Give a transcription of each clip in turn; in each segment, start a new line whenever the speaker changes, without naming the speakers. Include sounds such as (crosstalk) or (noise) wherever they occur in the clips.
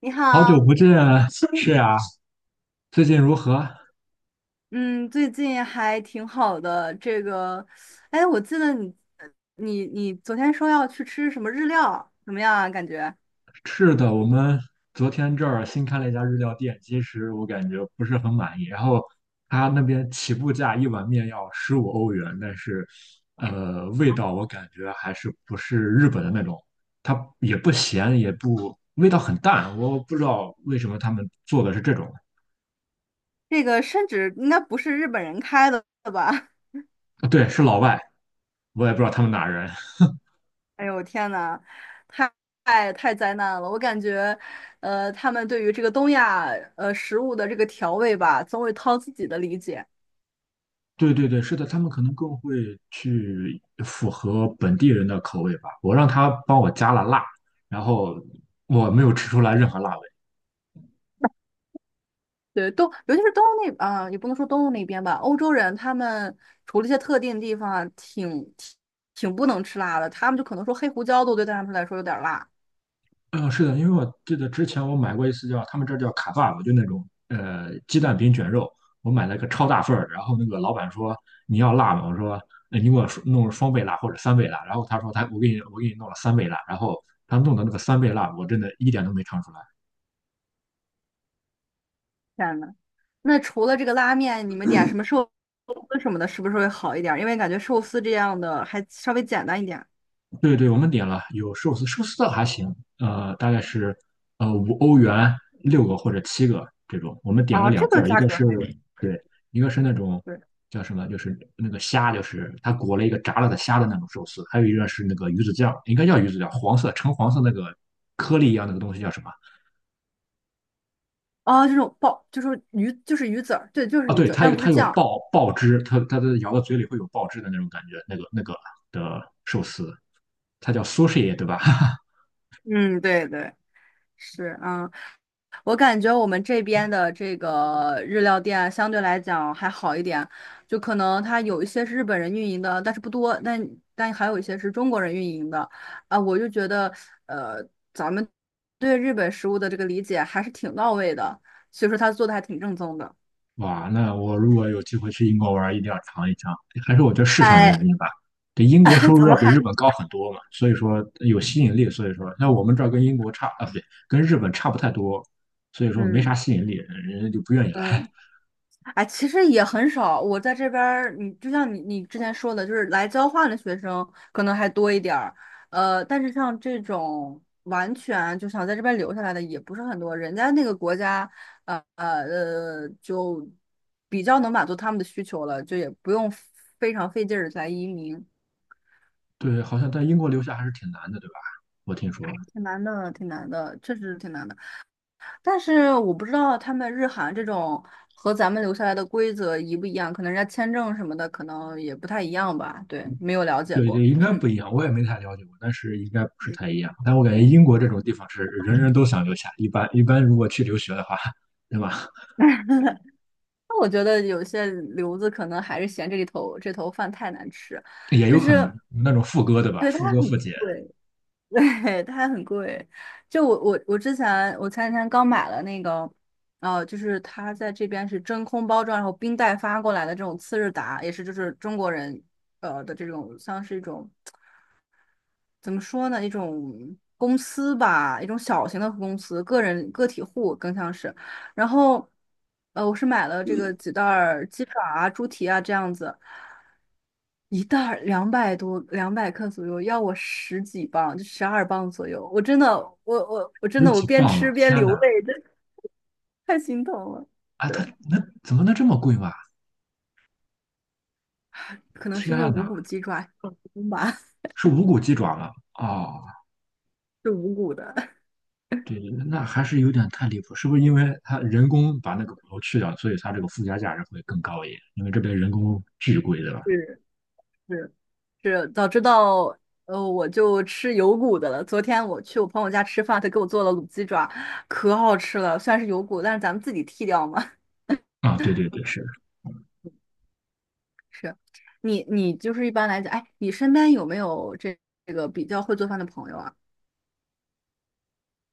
你
好久
好，
不见啊，(laughs) 是呀，最近如何？
嗯，最近还挺好的。这个，哎，我记得你昨天说要去吃什么日料，怎么样啊？感觉
是的，我们昨天这儿新开了一家日料店，其实我感觉不是很满意。然后他那边起步价一碗面要15欧元，但是味道我感觉还是不是日本的那种，它也不咸，也不，味道很淡。我不知道为什么他们做的是这种。
这个甚至应该不是日本人开的吧？
啊对，是老外，我也不知道他们哪人。
(laughs) 哎呦，天呐，太太太灾难了！我感觉，他们对于这个东亚食物的这个调味吧，总会掏自己的理解。
对对对，是的，他们可能更会去符合本地人的口味吧。我让他帮我加了辣，然后我没有吃出来任何辣味。
对，尤其是东欧那啊、也不能说东欧那边吧，欧洲人他们除了一些特定地方啊挺不能吃辣的，他们就可能说黑胡椒都对他们来说有点儿辣。
嗯，是的，因为我记得之前我买过一次叫他们这儿叫卡爸爸就那种鸡蛋饼卷肉，我买了个超大份儿，然后那个老板说你要辣吗？我说，你给我弄双倍辣或者三倍辣，然后他说他我给你我给你弄了三倍辣，然后他弄的那个三倍辣，我真的一点都没尝出来。
天呐，那除了这个拉面，你们点什么寿司什么的，是不是会好一点儿？因为感觉寿司这样的还稍微简单一点。
对对，我们点了有寿司，寿司倒还行，大概是五欧元六个或者七个这种。我们点了
啊，
两
这
份
个
儿，一
价
个
格
是
还可以。
对，一个是那种
对，
叫什么，就是那个虾，就是它裹了一个炸了的虾的那种寿司，还有一个是那个鱼子酱，应该叫鱼子酱，橙黄色那个颗粒一样那个东西叫什么？
啊，这种爆就是鱼，就是鱼籽儿，对，就是
啊，
鱼
对，
籽儿，
它
但
有
不是
它有
酱。
爆汁，它咬到嘴里会有爆汁的那种感觉，那个的寿司，它叫 sushi 对吧？(laughs)
嗯，对对。是，啊，我感觉我们这边的这个日料店啊相对来讲还好一点，就可能它有一些是日本人运营的，但是不多，但还有一些是中国人运营的，啊，我就觉得，呃，咱们对日本食物的这个理解还是挺到位的，所以说他做的还挺正宗的。
哇，那我如果有机会去英国玩儿一定要尝一尝。还是我觉得市场的
哎，
原因吧，这英国收
(laughs)
入
怎么
要比日
还
本高很多嘛，所以说有吸引力。所以说，那我们这儿跟英国差啊，不对，跟日本差不太多，所以说没啥
嗯。
吸引力，人家就不愿意来。
嗯？
(laughs)
哎，其实也很少。我在这边儿，你就像你之前说的，就是来交换的学生可能还多一点儿。但是像这种完全就想在这边留下来的也不是很多。人家那个国家，就比较能满足他们的需求了，就也不用非常费劲儿来移民，
对，好像在英国留下还是挺难的，对吧？我听说，
挺难的，挺难的，确实是挺难的。但是我不知道他们日韩这种和咱们留下来的规则一不一样，可能人家签证什么的可能也不太一样吧。对，没有了解
对
过。
对，应该不一样，我也没太了解过，但是应该不是
嗯，
太一样。但我感
对，
觉英国这种地方是人人都想留下，一般如果去留学的话，对吧？
那我觉得有些留子可能还是嫌这里头这头饭太难吃，
(laughs) 也
就
有可能
是
那种副歌，对吧？
对它
副歌、
很
副姐。
贵，(laughs) 对它很贵。就我之前我前几天刚买了那个，就是它在这边是真空包装，然后冰袋发过来的这种次日达，也是就是中国人的这种像是一种。怎么说呢？一种公司吧，一种小型的公司，个人个体户更像是。然后，我是买了这个几袋儿鸡爪啊、猪蹄啊这样子，一袋儿200多，200克左右，要我十几磅，就12磅左右。我真的，我真
日
的，我
几
边
磅啊！
吃边
天呐，
流泪，真的太心疼了。
啊，
对，
它那怎么能这么贵嘛？
可能是因为
天
无
呐，
骨鸡爪，吧，
是无骨鸡爪吗？哦，
(laughs) 是无骨的。
对，对，那还是有点太离谱，是不是因为它人工把那个骨头去掉，所以它这个附加价值会更高一点？因为这边人工巨贵，对吧？
是是是，早知道我就吃有骨的了。昨天我去我朋友家吃饭，他给我做了卤鸡爪，可好吃了。虽然是有骨，但是咱们自己剔掉嘛。(laughs)
啊，对对对，是，
是，你就是一般来讲，哎，你身边有没有这个比较会做饭的朋友啊？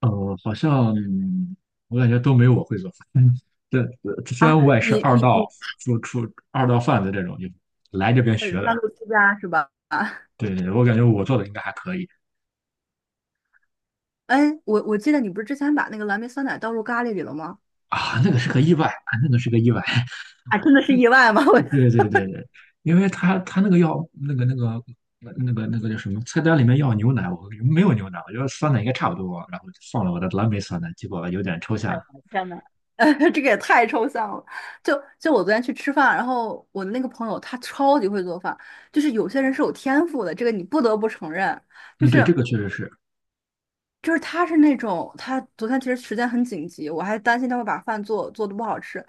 好像我感觉都没有我会做饭。(laughs) 嗯，这这虽
啊，
然我也是
你
二
你
道
你，
做出二道贩子这种，就来这边学的。
半路出家是吧？(laughs) 啊，
对对，我感觉我做的应该还可以
哎，我记得你不是之前把那个蓝莓酸奶倒入咖喱里了吗？
啊，那个是个意外，啊，那个是个意外。
啊，真的是意外吗？(laughs) 我
对对对对，因为他那个要那个叫什么菜单里面要牛奶，我没有牛奶，我觉得酸奶应该差不多，然后就放了我的蓝莓酸奶，结果有点抽象。
天呐，(laughs) 这个也太抽象了。就就我昨天去吃饭，然后我的那个朋友他超级会做饭，就是有些人是有天赋的，这个你不得不承认。就
嗯，对，
是
这个确实是，
就是他是那种，他昨天其实时间很紧急，我还担心他会把饭做的不好吃，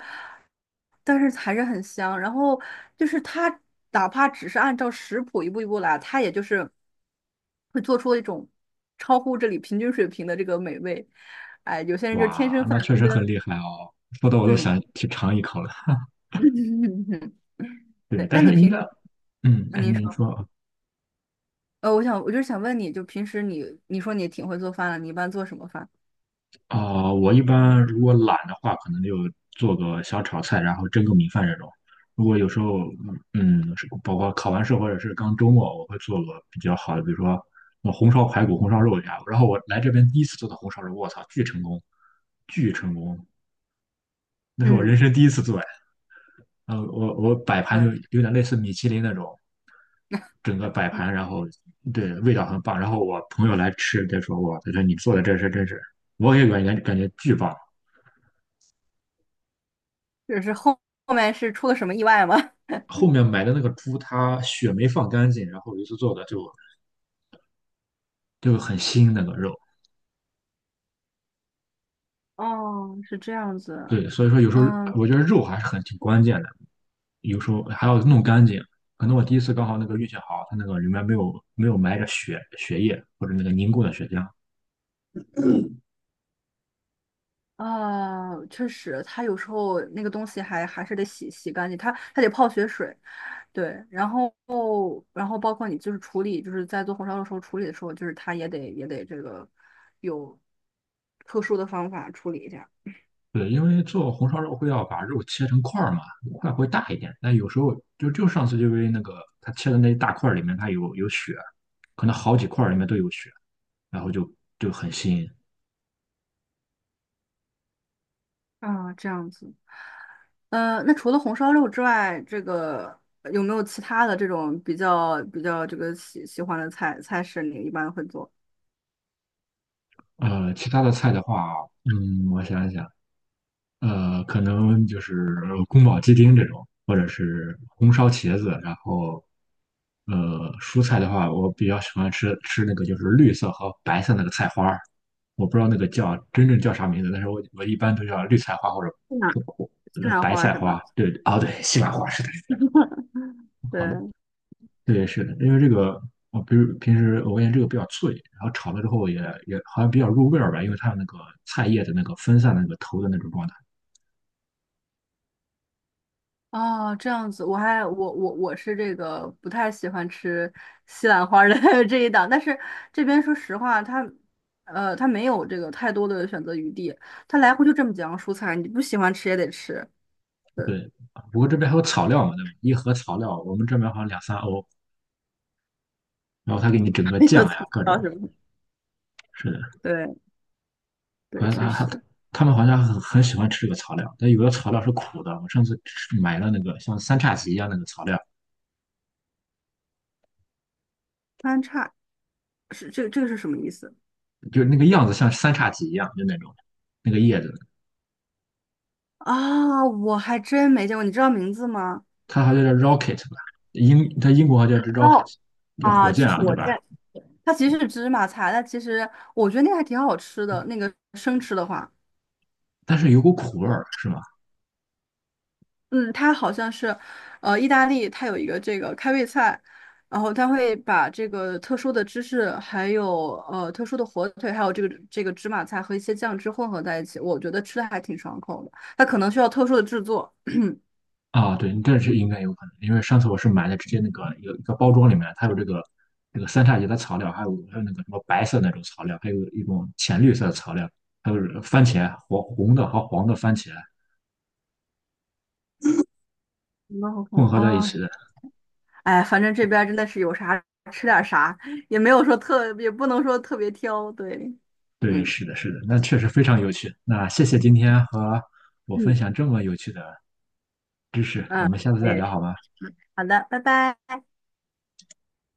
但是还是很香。然后就是他哪怕只是按照食谱一步一步来，他也就是会做出一种超乎这里平均水平的这个美味。哎，有些人就是天
哇，
生发
那确
明
实很
跟
厉害哦，说的我都
嗯。
想去尝一口了。
(laughs)
对，
对，那
但
你
是应
平时，
该，嗯，
嗯
哎，
您
你
说，
说啊，
我想，我就是想问你，就平时你，你说你挺会做饭的，你一般做什么饭？
啊，我一般如果懒的话，可能就做个小炒菜，然后蒸个米饭这种。如果有时候，是包括考完试或者是刚周末，我会做个比较好的，比如说红烧排骨、红烧肉呀。然后我来这边第一次做的红烧肉，我操，巨成功，巨成功！那是我人
嗯，
生第一次做呀。我摆盘就
对，
有点类似米其林那种，整个摆盘，然后对味道很棒。然后我朋友来吃，他说你做的这是真是，我也感觉巨棒。
就是后面是出了什么意外吗？(laughs)
后面买的那个猪，它血没放干净，然后一次做的就很腥那个肉。
哦，是这样子，
对，所以说有时候
嗯，
我觉得肉还是很挺关键的，有时候还要弄干净。可能我第一次刚好那个运气好，它那个里面没有埋着血液或者那个凝固的血浆。
啊，确实，它有时候那个东西还是得洗洗干净，它得泡血水，对，然后包括你就是处理，就是在做红烧肉的时候处理的时候，就是它也得这个有特殊的方法处理一下。
对，因为做红烧肉会要把肉切成块儿嘛，块会大一点。但有时候就上次就因为那个它切的那一大块儿里面它有血，可能好几块儿里面都有血，然后就很腥。
啊，这样子，那除了红烧肉之外，这个有没有其他的这种比较这个喜欢的菜式？你一般会做
其他的菜的话，我想一想，可能就是宫保鸡丁这种，或者是红烧茄子，然后，蔬菜的话，我比较喜欢吃那个就是绿色和白色那个菜花儿，我不知道那个真正叫啥名字，但是我一般都叫绿菜花或者
西兰
或或
西
呃
兰
白
花儿
菜
是
花，
吧？
对，哦对，西兰花是的，
(laughs) 对，
对，是的，因为这个，我比如平时我发现这个比较脆，然后炒了之后也好像比较入味儿吧，因为它有那个菜叶的那个分散的那个头的那种状态。
哦，这样子，我还我我我是这个不太喜欢吃西兰花儿的 (laughs) 这一档，但是这边说实话，它没有这个太多的选择余地，它来回就这么几样蔬菜，你不喜欢吃也得吃，对，
对，啊不过这边还有草料嘛，对吧？一盒草料，我们这边好像两三欧，然后他给你整
(laughs)
个
没
酱
有
呀，
做不
各种，
到什么，
是的，
对
好
对，
像
确
他他
实，
他们好像很喜欢吃这个草料，但有的草料是苦的。我上次买了那个像三叉戟一样那个草料，
番差是这个这个是什么意思？
就是那个样子像三叉戟一样，就那种那个叶子，
啊，我还真没见过，你知道名字吗？
它好像叫 rocket 吧，英它英国好像叫
哦，
rocket，叫火
啊，就
箭
是
啊，对
火
吧？
箭，它其实是芝麻菜，但其实我觉得那个还挺好吃的。那个生吃的话，
但是有股苦味儿，是吗？
嗯，它好像是，意大利它有一个这个开胃菜，然后它会把这个特殊的芝士，还有特殊的火腿，还有这个芝麻菜和一些酱汁混合在一起，我觉得吃的还挺爽口的。它可能需要特殊的制作，
啊，对，这是应该有可能，因为上次我是买的直接那个一个一个包装里面，它有这个三叉戟的草料，还有那个什么白色那种草料，还有一种浅绿色的草料，还有番茄黄红的和黄的番茄
那我可
混
能
合在一
啊，
起的。
哎，反正这边儿真的是有啥吃点儿啥，也没有说特，也不能说特别挑，对，
对，
嗯
是的，是的，那确实非常有趣。那谢谢今天和我分
嗯，
享这么有趣的知识，我
嗯，
们下次
我
再
也
聊
是。
好吗？
好的，拜拜。